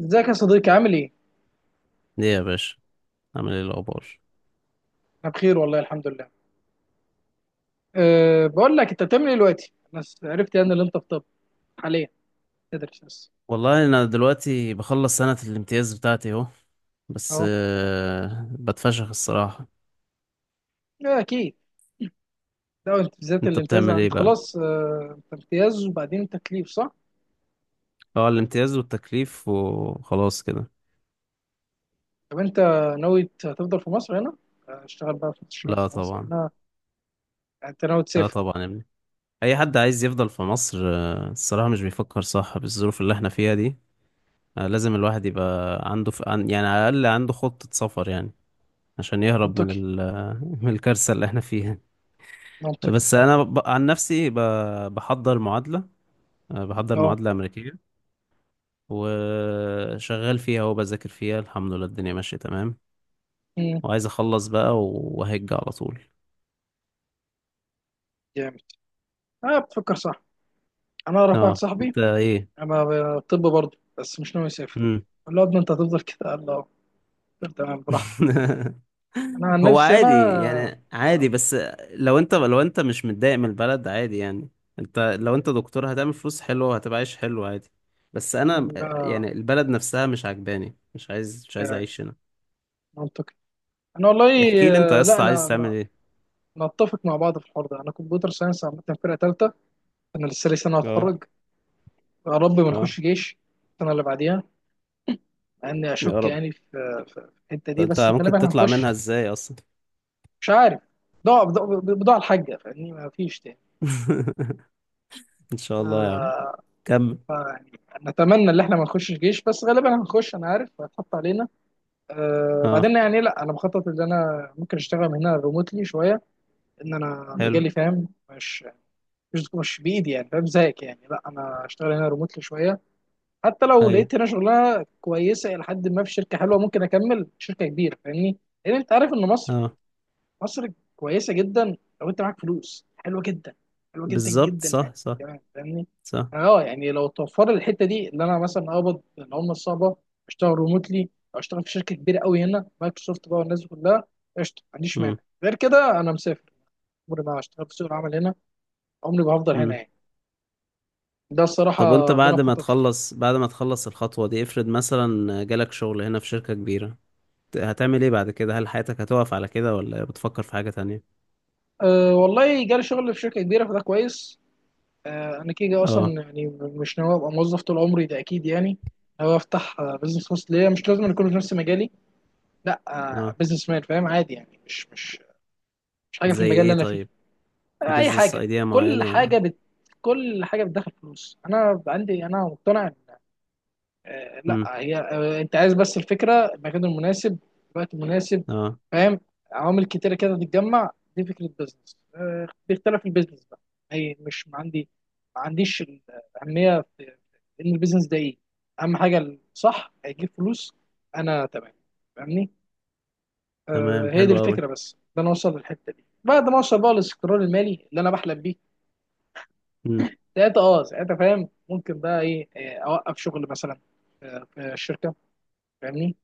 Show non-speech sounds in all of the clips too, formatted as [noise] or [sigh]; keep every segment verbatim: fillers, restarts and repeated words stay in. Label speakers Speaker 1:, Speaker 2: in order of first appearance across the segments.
Speaker 1: ازيك يا صديقي، عامل ايه؟
Speaker 2: ليه يا باشا؟ عامل ايه الاخبار؟
Speaker 1: انا بخير والله الحمد لله. أه بقول لك، انت بتعمل ايه دلوقتي؟ انا س- عرفت يعني اللي انت في طب حاليا تدرس بس.
Speaker 2: والله انا دلوقتي بخلص سنة الامتياز بتاعتي اهو. بس
Speaker 1: اهو.
Speaker 2: آه، بتفشخ الصراحة.
Speaker 1: لا، اكيد. ده انت بالذات
Speaker 2: انت
Speaker 1: الامتياز،
Speaker 2: بتعمل ايه
Speaker 1: انت
Speaker 2: بقى؟
Speaker 1: خلاص أه انت امتياز وبعدين انت تكليف، صح؟
Speaker 2: اه، الامتياز والتكليف وخلاص كده.
Speaker 1: طب انت ناوي ت- تفضل في مصر هنا؟ آه، اشتغل بقى في الشركات
Speaker 2: لا
Speaker 1: في مصر
Speaker 2: طبعا.
Speaker 1: هنا. يعني انت ناوي
Speaker 2: لا
Speaker 1: تسافر.
Speaker 2: طبعا يا ابني. اي حد عايز يفضل في مصر آه، الصراحة مش بيفكر صح بالظروف اللي احنا فيها دي. آه، لازم الواحد يبقى عنده ف... عن- يعني على الاقل عنده خطة سفر يعني. عشان يهرب من
Speaker 1: منطقي
Speaker 2: ال... [laughs] من الكارثة اللي احنا فيها.
Speaker 1: منطقي
Speaker 2: بس
Speaker 1: منطقي.
Speaker 2: انا ب... عن نفسي ب... بحضر معادلة. أه، بحضر
Speaker 1: اه.
Speaker 2: معادلة أمريكية وشغال فيها وبذاكر فيها. الحمد لله الدنيا ماشية تمام.
Speaker 1: مم،
Speaker 2: وعايز أخلص بقى وهج على طول.
Speaker 1: جامد. اه بتفكر صح. انا اعرف واحد
Speaker 2: اه،
Speaker 1: صاحبي.
Speaker 2: انت ايه؟
Speaker 1: انا ب- طب برضه، بس مش ناوي يسافر.
Speaker 2: مم.
Speaker 1: قال له يا ابني انت هتفضل كده، قال له تمام براحتك.
Speaker 2: [laughs]
Speaker 1: انا عن
Speaker 2: هو
Speaker 1: نفسي
Speaker 2: عادي
Speaker 1: انا،
Speaker 2: يعني،
Speaker 1: آه،
Speaker 2: عادي بس. لو انت لو انت مش متضايق من البلد عادي يعني. انت لو انت دكتور هتعمل فلوس حلوة وهتبقى عايش حلو عادي. بس انا آه،
Speaker 1: ده
Speaker 2: يعني البلد نفسها مش عجباني، مش عايز مش عايز
Speaker 1: يعني
Speaker 2: اعيش هنا.
Speaker 1: منطقي. انا والله،
Speaker 2: احكي لي انت يا
Speaker 1: آه، لا
Speaker 2: اسطى عايز
Speaker 1: انا
Speaker 2: تعمل
Speaker 1: أنا-
Speaker 2: ايه؟
Speaker 1: نتفق مع بعض في الحوار ده. انا كمبيوتر ساينس عامه، فرقه ثالثه. انا لسه لي سنه
Speaker 2: اه.
Speaker 1: هتخرج. يا رب ما
Speaker 2: اه،
Speaker 1: نخش جيش السنه اللي بعديها، مع اني
Speaker 2: يا
Speaker 1: اشك
Speaker 2: رب.
Speaker 1: يعني في في في الحته دي،
Speaker 2: انت
Speaker 1: بس
Speaker 2: ممكن
Speaker 1: غالبا
Speaker 2: تطلع
Speaker 1: هنخش.
Speaker 2: منها ازاي اصلا؟
Speaker 1: مش عارف، بضاعه بضاعه بضاعة الحاجه، فاهمني؟ ما فيش تاني.
Speaker 2: [laughs] ان شاء
Speaker 1: ف...
Speaker 2: الله يا عم. كمل.
Speaker 1: ف... يعني نتمنى ان احنا ما نخشش جيش، بس غالبا هنخش، انا عارف هتحط علينا. أه
Speaker 2: اه.
Speaker 1: بعدين يعني، لا انا مخطط ان انا ممكن اشتغل من هنا ريموتلي شويه، ان انا
Speaker 2: حلو.
Speaker 1: مجالي فاهم، مش مش مش بايدي يعني، فاهم زيك؟ يعني لا، انا اشتغل هنا ريموتلي شويه، حتى لو
Speaker 2: ايوه.
Speaker 1: لقيت هنا شغلانه كويسه الى حد ما في شركه حلوه، ممكن اكمل شركه كبيره، فاهمني؟ لان انت عارف ان مصر،
Speaker 2: اه.
Speaker 1: مصر كويسه جدا لو انت معاك فلوس، حلوه جدا، حلوه جدا
Speaker 2: بالظبط،
Speaker 1: جدا
Speaker 2: صح
Speaker 1: يعني،
Speaker 2: صح.
Speaker 1: كمان فاهمني.
Speaker 2: صح.
Speaker 1: اه يعني لو توفر لي الحته دي اللي انا مثلا اقبض العمله الصعبه، اشتغل ريموتلي او اشتغل في شركه كبيره قوي هنا، مايكروسوفت بقى والناس دي كلها، قشطه، ما عنديش
Speaker 2: امم.
Speaker 1: مانع. غير كده انا مسافر. عمري ما اشتغل في سوق العمل هنا، عمري ما هفضل هنا
Speaker 2: امم.
Speaker 1: يعني. ده
Speaker 2: طب وانت
Speaker 1: الصراحه اللي انا
Speaker 2: بعد ما
Speaker 1: مخطط له.
Speaker 2: تخلص بعد ما تخلص الخطوة دي، افرض مثلا جالك شغل هنا في شركة كبيرة. ت- هتعمل ايه بعد كده؟ هل حياتك هتقف على كده ولا بتفكر في حاجة تانية؟
Speaker 1: أه والله جالي شغل في شركه كبيره فده كويس. أه انا كده اصلا
Speaker 2: اه.
Speaker 1: يعني مش ناوي ابقى موظف طول عمري، ده اكيد يعني. ناوي افتح آه، بزنس خاص ليا، مش لازم يكون في نفس مجالي. لا. أه
Speaker 2: اه.
Speaker 1: بزنس مان فاهم، عادي يعني، مش مش مش حاجه في
Speaker 2: زي
Speaker 1: المجال اللي
Speaker 2: ايه
Speaker 1: انا فيه.
Speaker 2: طيب؟ في
Speaker 1: أه اي
Speaker 2: بيزنس
Speaker 1: حاجه.
Speaker 2: ايديا
Speaker 1: كل
Speaker 2: معينة؟
Speaker 1: حاجه بت كل حاجه بتدخل فلوس، انا عندي، انا مقتنع. آه، لا،
Speaker 2: امم.
Speaker 1: هي آه، انت عايز بس الفكره، المكان المناسب، الوقت المناسب،
Speaker 2: اه.
Speaker 1: فاهم؟ عوامل كتيره كده تتجمع. دي فكره بيزنس، آه، بيختلف البيزنس بقى. هي مش ما عندي، ما عنديش الاهميه في، في ان البيزنس ده ايه. اهم حاجه الصح هيجيب فلوس، انا تمام، فاهمني.
Speaker 2: تمام،
Speaker 1: آه، هي دي
Speaker 2: حلو قوي.
Speaker 1: الفكره، بس ده انا اوصل للحته دي بعد ما اوصل بقى للاستقرار المالي اللي انا بحلم بيه.
Speaker 2: امم.
Speaker 1: ساعتها اه ساعتها فاهم، ممكن بقى ايه، آه، اوقف شغل مثلا، آه، في الشركه فاهمني،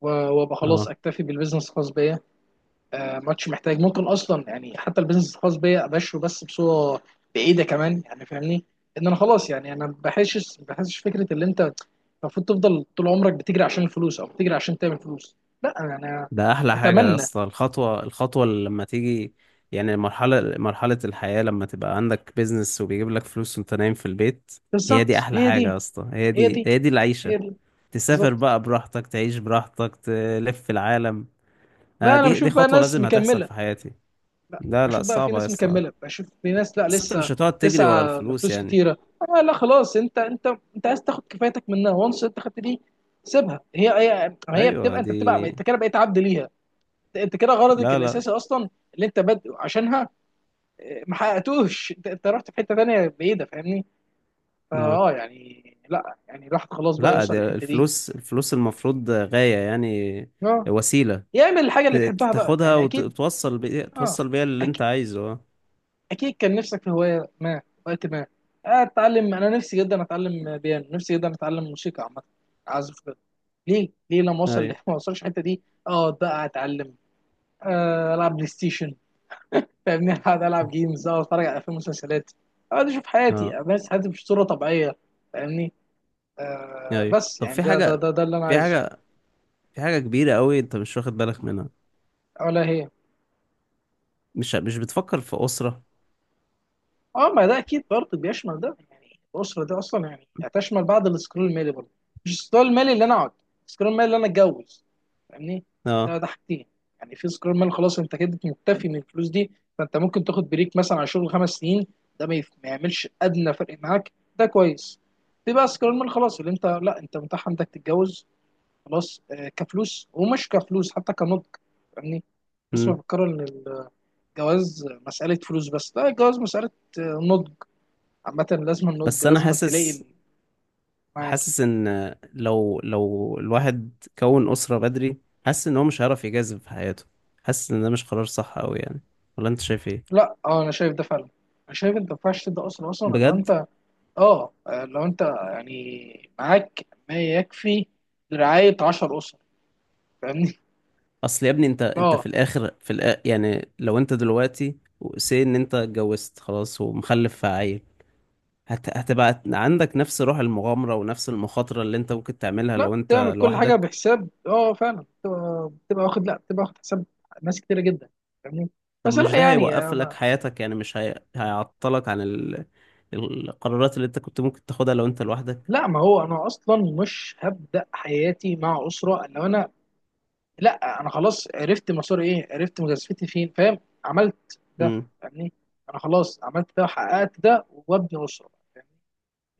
Speaker 1: و- وابقى خلاص
Speaker 2: اه.
Speaker 1: اكتفي بالبيزنس الخاص بيا. آه، ما عادش محتاج. ممكن اصلا يعني حتى البيزنس الخاص بيا ابشره بس بصوره بعيده كمان يعني، فاهمني؟ ان انا خلاص يعني انا ما بحسش ما بحسش فكره اللي انت المفروض تفضل طول عمرك بتجري عشان الفلوس او بتجري عشان تعمل فلوس. لا، انا أنا
Speaker 2: ده احلى حاجه يا
Speaker 1: اتمنى.
Speaker 2: اسطى، الخطوه الخطوه اللي لما تيجي. يعني مرحله مرحله الحياه لما تبقى عندك بيزنس وبيجيب لك فلوس وانت نايم في البيت. هي دي
Speaker 1: بالظبط،
Speaker 2: احلى
Speaker 1: هي
Speaker 2: حاجه يا
Speaker 1: دي،
Speaker 2: اسطى، هي
Speaker 1: هي
Speaker 2: دي
Speaker 1: دي،
Speaker 2: هي دي
Speaker 1: هي
Speaker 2: العيشه.
Speaker 1: دي،
Speaker 2: تسافر
Speaker 1: بالظبط.
Speaker 2: بقى براحتك، تعيش براحتك، تلف في العالم. آه
Speaker 1: لا انا
Speaker 2: دي
Speaker 1: بشوف
Speaker 2: دي
Speaker 1: بقى
Speaker 2: خطوه
Speaker 1: ناس
Speaker 2: لازم هتحصل
Speaker 1: مكمله،
Speaker 2: في حياتي.
Speaker 1: لا
Speaker 2: لا لا،
Speaker 1: بشوف بقى في
Speaker 2: صعبه يا
Speaker 1: ناس
Speaker 2: اسطى.
Speaker 1: مكمله، بشوف في ناس لا
Speaker 2: بس انت
Speaker 1: لسه
Speaker 2: مش هتقعد تجري ورا
Speaker 1: تسعى
Speaker 2: الفلوس
Speaker 1: لفلوس
Speaker 2: يعني؟
Speaker 1: كتيره. آه لا خلاص، انت انت انت عايز تاخد كفايتك منها وانس. انت خدت دي سيبها. هي هي هي
Speaker 2: ايوه
Speaker 1: بتبقى
Speaker 2: دي.
Speaker 1: انت بتبقى انت كده بقيت عبد ليها، انت كده غرضك
Speaker 2: لا لا
Speaker 1: الاساسي اصلا اللي انت بادئ عشانها، آه، ما حققتوش. [laughs] انت انت رحت في حته تانيه بعيده، فاهمني؟
Speaker 2: لا
Speaker 1: فاه يعني، لا يعني الواحد خلاص بقى
Speaker 2: لا.
Speaker 1: يوصل
Speaker 2: ده
Speaker 1: للحته دي.
Speaker 2: الفلوس الفلوس المفروض غايه يعني.
Speaker 1: اه،
Speaker 2: وسيله.
Speaker 1: يعمل الحاجه
Speaker 2: ت-
Speaker 1: اللي بيحبها بقى
Speaker 2: تاخدها
Speaker 1: يعني، اكيد.
Speaker 2: وتوصل بيها
Speaker 1: اه
Speaker 2: توصل بيها اللي انت عايزه اه.
Speaker 1: اكيد، كان نفسك في هوايه ما، وقت ما اتعلم. انا نفسي جدا اتعلم بيانو، نفسي جدا اتعلم موسيقى عامه، اعزف كده. ليه ليه لما اوصل ليه
Speaker 2: ايوه.
Speaker 1: [laughs] ما اوصلش الحته دي اقعد بقى اتعلم، آه، العب بلاي ستيشن فاهمني، [laughs] اقعد العب جيمز، اقعد اتفرج على افلام ومسلسلات، اقعد اشوف حياتي،
Speaker 2: اه،
Speaker 1: بس حياتي مش صوره طبيعيه، فاهمني؟ آه
Speaker 2: ايوه.
Speaker 1: بس
Speaker 2: طب
Speaker 1: يعني
Speaker 2: في
Speaker 1: ده ده
Speaker 2: حاجة
Speaker 1: ده, ده اللي انا
Speaker 2: في
Speaker 1: عايزه.
Speaker 2: حاجة في حاجة كبيرة قوي انت مش واخد بالك منها.
Speaker 1: ولا هي؟
Speaker 2: مش مش بتفكر في أسرة؟
Speaker 1: اه، ما ده اكيد برضه بيشمل ده يعني. الاسره دي اصلا يعني هتشمل بعض السكرول المالي برضه، مش السكرول المالي اللي انا اقعد، السكرول المالي اللي انا اتجوز، فاهمني؟ ده
Speaker 2: اه.
Speaker 1: ده حاجتين يعني، في سكرول مالي خلاص انت كده مكتفي من الفلوس دي، فانت ممكن تاخد بريك مثلا على شغل خمس سنين، ده ما, يف... ما يعملش ادنى فرق معاك، ده كويس. في بقى سكرول مالي خلاص اللي انت، لا انت متاح عندك تتجوز، خلاص آه، كفلوس ومش كفلوس حتى كنضج، فاهمني؟ الناس
Speaker 2: امم.
Speaker 1: مفكرة إن الجواز مسألة فلوس بس، لا، الجواز مسألة آه، نضج، عامة لازم النضج،
Speaker 2: بس انا
Speaker 1: لازم تلاقي ال-
Speaker 2: حاسس
Speaker 1: معاك.
Speaker 2: حاسس ان لو لو الواحد كون أسرة بدري، حاسس ان هو مش هيعرف يجازف في حياته. حاسس ان ده مش قرار صح قوي يعني. ولا انت شايف ايه؟
Speaker 1: لا اه، انا شايف ده فعلا. انا شايف انت ما ينفعش تبدا اصلا اصلا لو
Speaker 2: بجد؟
Speaker 1: انت اه آه، لو انت يعني معاك ما يكفي لرعاية عشر اسر، فاهمني؟
Speaker 2: اصل يا ابني انت
Speaker 1: [laughs]
Speaker 2: انت
Speaker 1: اه
Speaker 2: في الاخر في الآ... يعني لو انت دلوقتي سي ان انت اتجوزت خلاص ومخلف في عيل. هت... هتبقى عندك نفس روح المغامرة ونفس المخاطرة اللي انت ممكن تعملها
Speaker 1: لا،
Speaker 2: لو
Speaker 1: تعمل
Speaker 2: انت
Speaker 1: كل حاجة
Speaker 2: لوحدك؟
Speaker 1: بحساب، اه فعلا، بتبقى بتبقى واخد، لا بتبقى واخد حساب ناس كتيرة جدا، فاهمني؟
Speaker 2: طب
Speaker 1: بس
Speaker 2: مش
Speaker 1: لا
Speaker 2: ده
Speaker 1: يعني
Speaker 2: هيوقف لك
Speaker 1: أنا-
Speaker 2: حياتك يعني؟ مش هي... هيعطلك عن ال... القرارات اللي انت كنت ممكن تاخدها لو انت لوحدك؟
Speaker 1: لا ما هو انا اصلا مش هبدا حياتي مع اسرة لو انا، لا انا خلاص عرفت مساري ايه، عرفت مجازفتي فين، فاهم؟ عملت ده
Speaker 2: امم.
Speaker 1: يعني، انا خلاص عملت ده وحققت ده وابني اسره، يعني.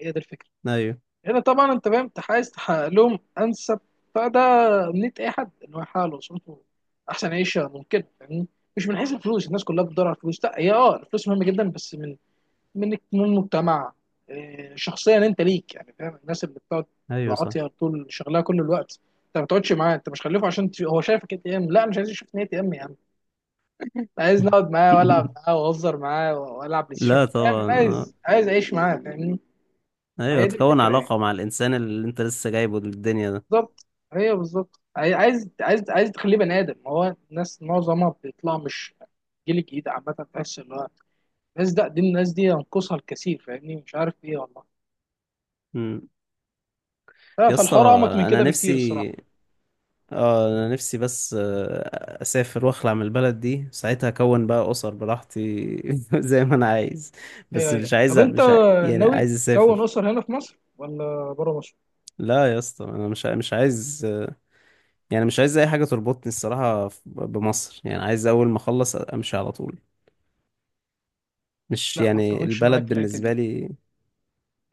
Speaker 1: هي دي الفكره.
Speaker 2: ايوه
Speaker 1: هنا طبعا انت فاهم، انت عايز تحقق لهم انسب، فده امنيه اي حد، ان هو يحقق لاسرته احسن عيشه ممكن يعني، مش من حيث الفلوس. الناس كلها بتدور على الفلوس، لا هي اه الفلوس مهمه جدا، بس من من من المجتمع. إيه، شخصيا انت ليك يعني، فاهم؟ الناس اللي بتقعد
Speaker 2: ايوه، صح.
Speaker 1: العاطيه طول شغلها كل الوقت، انت ما بتقعدش معاه، انت مش خليفه عشان تش- هو شايفك اي تي ام. لا انا مش عايز اشوف اي تي ام يا عم. أنا عايز نقعد معاه والعب
Speaker 2: [laughs]
Speaker 1: معاه واهزر معاه والعب بلاي ستيشن
Speaker 2: لا
Speaker 1: معاه. فاهم؟
Speaker 2: طبعا
Speaker 1: انا
Speaker 2: آه.
Speaker 1: عايز عايز اعيش معاه فاهمني.
Speaker 2: ايوه،
Speaker 1: هي دي
Speaker 2: تكون
Speaker 1: الفكره يعني،
Speaker 2: علاقة مع الانسان اللي انت لسه جايبه للدنيا ده.
Speaker 1: بالظبط. هي بالظبط، عاي- عايز، عايز عايز تخليه بني ادم. هو الناس معظمها بيطلع مش، الجيل الجديد عامه تحس ان هو الناس، ده دي الناس دي ينقصها الكثير فاهمني، مش عارف ايه والله.
Speaker 2: امم.
Speaker 1: ف-
Speaker 2: يا اسطى،
Speaker 1: فالحوار اعمق من
Speaker 2: انا
Speaker 1: كده بكتير
Speaker 2: نفسي.
Speaker 1: الصراحه.
Speaker 2: اه، انا نفسي بس آه، اسافر واخلع من البلد دي ساعتها اكون بقى اسر براحتي. [laughs] زي ما انا عايز.
Speaker 1: ايوه
Speaker 2: بس
Speaker 1: ايوه،
Speaker 2: مش عايز
Speaker 1: طب انت
Speaker 2: مش ع... يعني
Speaker 1: ناوي
Speaker 2: عايز
Speaker 1: تكون
Speaker 2: اسافر.
Speaker 1: اسر هنا في مصر ولا بره مصر؟
Speaker 2: لا يا اسطى انا مش ع- مش عايز آه، يعني مش عايز اي حاجه تربطني الصراحه ف- بمصر، يعني عايز اول ما اخلص امشي على طول. مش
Speaker 1: لا ما
Speaker 2: يعني
Speaker 1: اتفقش معاك
Speaker 2: البلد
Speaker 1: في الحته
Speaker 2: بالنسبه
Speaker 1: دي.
Speaker 2: لي.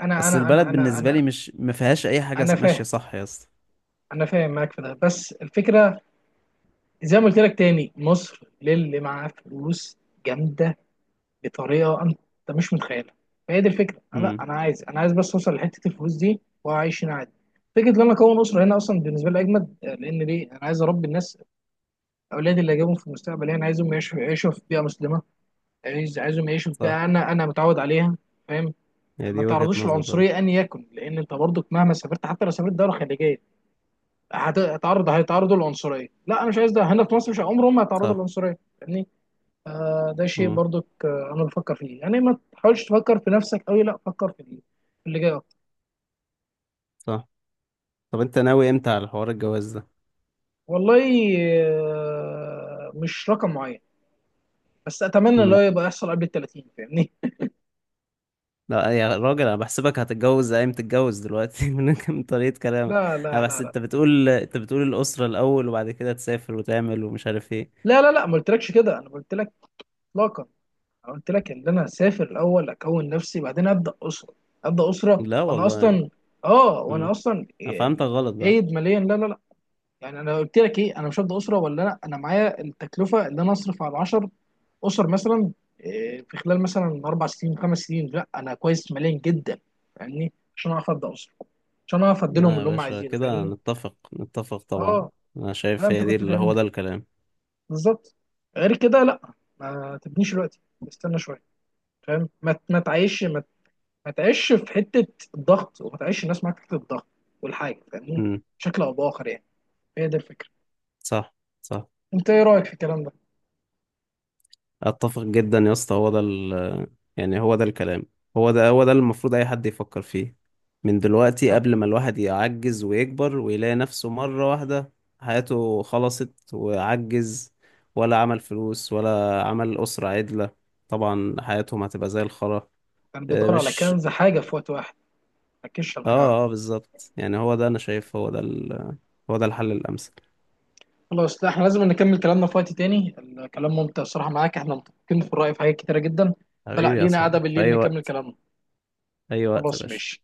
Speaker 1: انا
Speaker 2: اصل
Speaker 1: انا انا
Speaker 2: البلد
Speaker 1: انا
Speaker 2: بالنسبه
Speaker 1: انا
Speaker 2: لي مش ما فيهاش اي حاجه
Speaker 1: انا
Speaker 2: ماشيه
Speaker 1: فاهم،
Speaker 2: صح يا اسطى.
Speaker 1: انا فاهم معاك في ده، بس الفكره زي ما قلت لك تاني، مصر للي معاه فلوس جامده بطريقه انت مش متخيلها. فهي دي الفكره. أنا- لا
Speaker 2: امم.
Speaker 1: انا عايز انا عايز بس اوصل لحته الفلوس دي واعيش هنا عادي. فكره ان انا اكون اسره هنا اصلا بالنسبه لي اجمد، لان ليه؟ انا عايز اربي الناس اولادي اللي اجيبهم في المستقبل يعني، عايزهم يعيشوا، يعيشوا في بيئه مسلمه، عايز عايزهم يعيشوا
Speaker 2: صح.
Speaker 1: بقى، انا انا متعود عليها، فاهم؟
Speaker 2: هي
Speaker 1: ما
Speaker 2: دي وجهه
Speaker 1: تعرضوش
Speaker 2: نظر برضه.
Speaker 1: للعنصريه ان يكن، لان انت برضك مهما سافرت، حتى لو سافرت دوله خليجيه هت- هتعرض هيتعرضوا للعنصريه. لا انا مش عايز ده، هنا في مصر مش عمرهم ما هيتعرضوا
Speaker 2: صح.
Speaker 1: للعنصريه، فاهمني؟ آه ده شيء
Speaker 2: امم.
Speaker 1: برضك آه انا بفكر فيه يعني، ما تحاولش تفكر في نفسك قوي، لا فكر في اللي، في اللي جاي اكتر.
Speaker 2: صح. طب انت ناوي امتى على حوار الجواز
Speaker 1: والله آه مش رقم معين، بس اتمنى اللي هو
Speaker 2: ده؟
Speaker 1: يبقى يحصل قبل ال الثلاثين، فاهمني؟
Speaker 2: لا يا راجل، انا بحسبك هتتجوز زي ما تتجوز دلوقتي. [laughs] من من طريقة كلامك.
Speaker 1: لا
Speaker 2: انا
Speaker 1: لا لا
Speaker 2: بحس انت
Speaker 1: لا
Speaker 2: بتقول انت بتقول الأسرة الأول وبعد كده تسافر وتعمل ومش عارف ايه.
Speaker 1: لا لا لا لا، ما قلتلكش كده. انا قلت لك اطلاقا، أنا قلت لك ان انا هسافر الاول اكون نفسي، بعدين ابدا اسره. ابدا اسره
Speaker 2: لا
Speaker 1: وانا
Speaker 2: والله.
Speaker 1: اصلا، اه وانا
Speaker 2: امم.
Speaker 1: اصلا
Speaker 2: انا فهمتك غلط بقى.
Speaker 1: جيد ماليا. لا لا لا، يعني انا قلت لك ايه؟ انا مش هبدا اسره ولا، لا انا معايا التكلفه اللي انا اصرف على عشر اسر مثلا، إيه، في خلال مثلا اربع سنين خمس سنين. لا انا كويس ماليا جدا، فاهمني؟ عشان اعرف ابدا اسره، عشان اعرف اديلهم
Speaker 2: لا يا
Speaker 1: اللي هم
Speaker 2: باشا
Speaker 1: عايزينه،
Speaker 2: كده،
Speaker 1: فاهمني؟
Speaker 2: نتفق نتفق طبعا.
Speaker 1: اه
Speaker 2: انا
Speaker 1: لا،
Speaker 2: شايف
Speaker 1: انت
Speaker 2: هي دي
Speaker 1: كنت
Speaker 2: اللي هو
Speaker 1: فاهمني
Speaker 2: ده الكلام.
Speaker 1: بالظبط، غير كده لا. ما تبنيش دلوقتي، استنى شويه، فاهم؟ ما ما تعيش ما ما تعيش في حته الضغط، وما تعيش الناس معاك في حته الضغط والحاجه، فاهمني؟
Speaker 2: امم.
Speaker 1: بشكل او باخر يعني، هي دي الفكره.
Speaker 2: صح صح.
Speaker 1: انت ايه رايك في الكلام ده؟
Speaker 2: اتفق جدا يا اسطى، هو ده ال يعني هو ده الكلام. هو ده هو ده اللي المفروض اي حد يفكر فيه. من دلوقتي،
Speaker 1: طب
Speaker 2: قبل ما الواحد يعجز ويكبر ويلاقي نفسه مرة واحدة حياته خلصت وعجز. ولا عمل فلوس ولا عمل أسرة عدلة. طبعا حياتهم هتبقى زي الخرا.
Speaker 1: كان بيدور
Speaker 2: آه،
Speaker 1: على
Speaker 2: مش
Speaker 1: كنز، حاجه في وقت واحد ما ركزش على حاجه واحده.
Speaker 2: اه اه، بالظبط يعني هو ده، انا شايف هو ده ال... هو ده الحل الأمثل.
Speaker 1: خلاص، لا احنا لازم نكمل كلامنا في وقت تاني، الكلام ممتع الصراحه معاك، احنا متفقين في الراي في حاجات كتيره جدا. فلا
Speaker 2: حبيبي يا
Speaker 1: لينا قعده
Speaker 2: صاحبي، في
Speaker 1: بالليل
Speaker 2: اي
Speaker 1: نكمل
Speaker 2: وقت.
Speaker 1: كلامنا.
Speaker 2: اي وقت يا
Speaker 1: خلاص
Speaker 2: باشا.
Speaker 1: ماشي.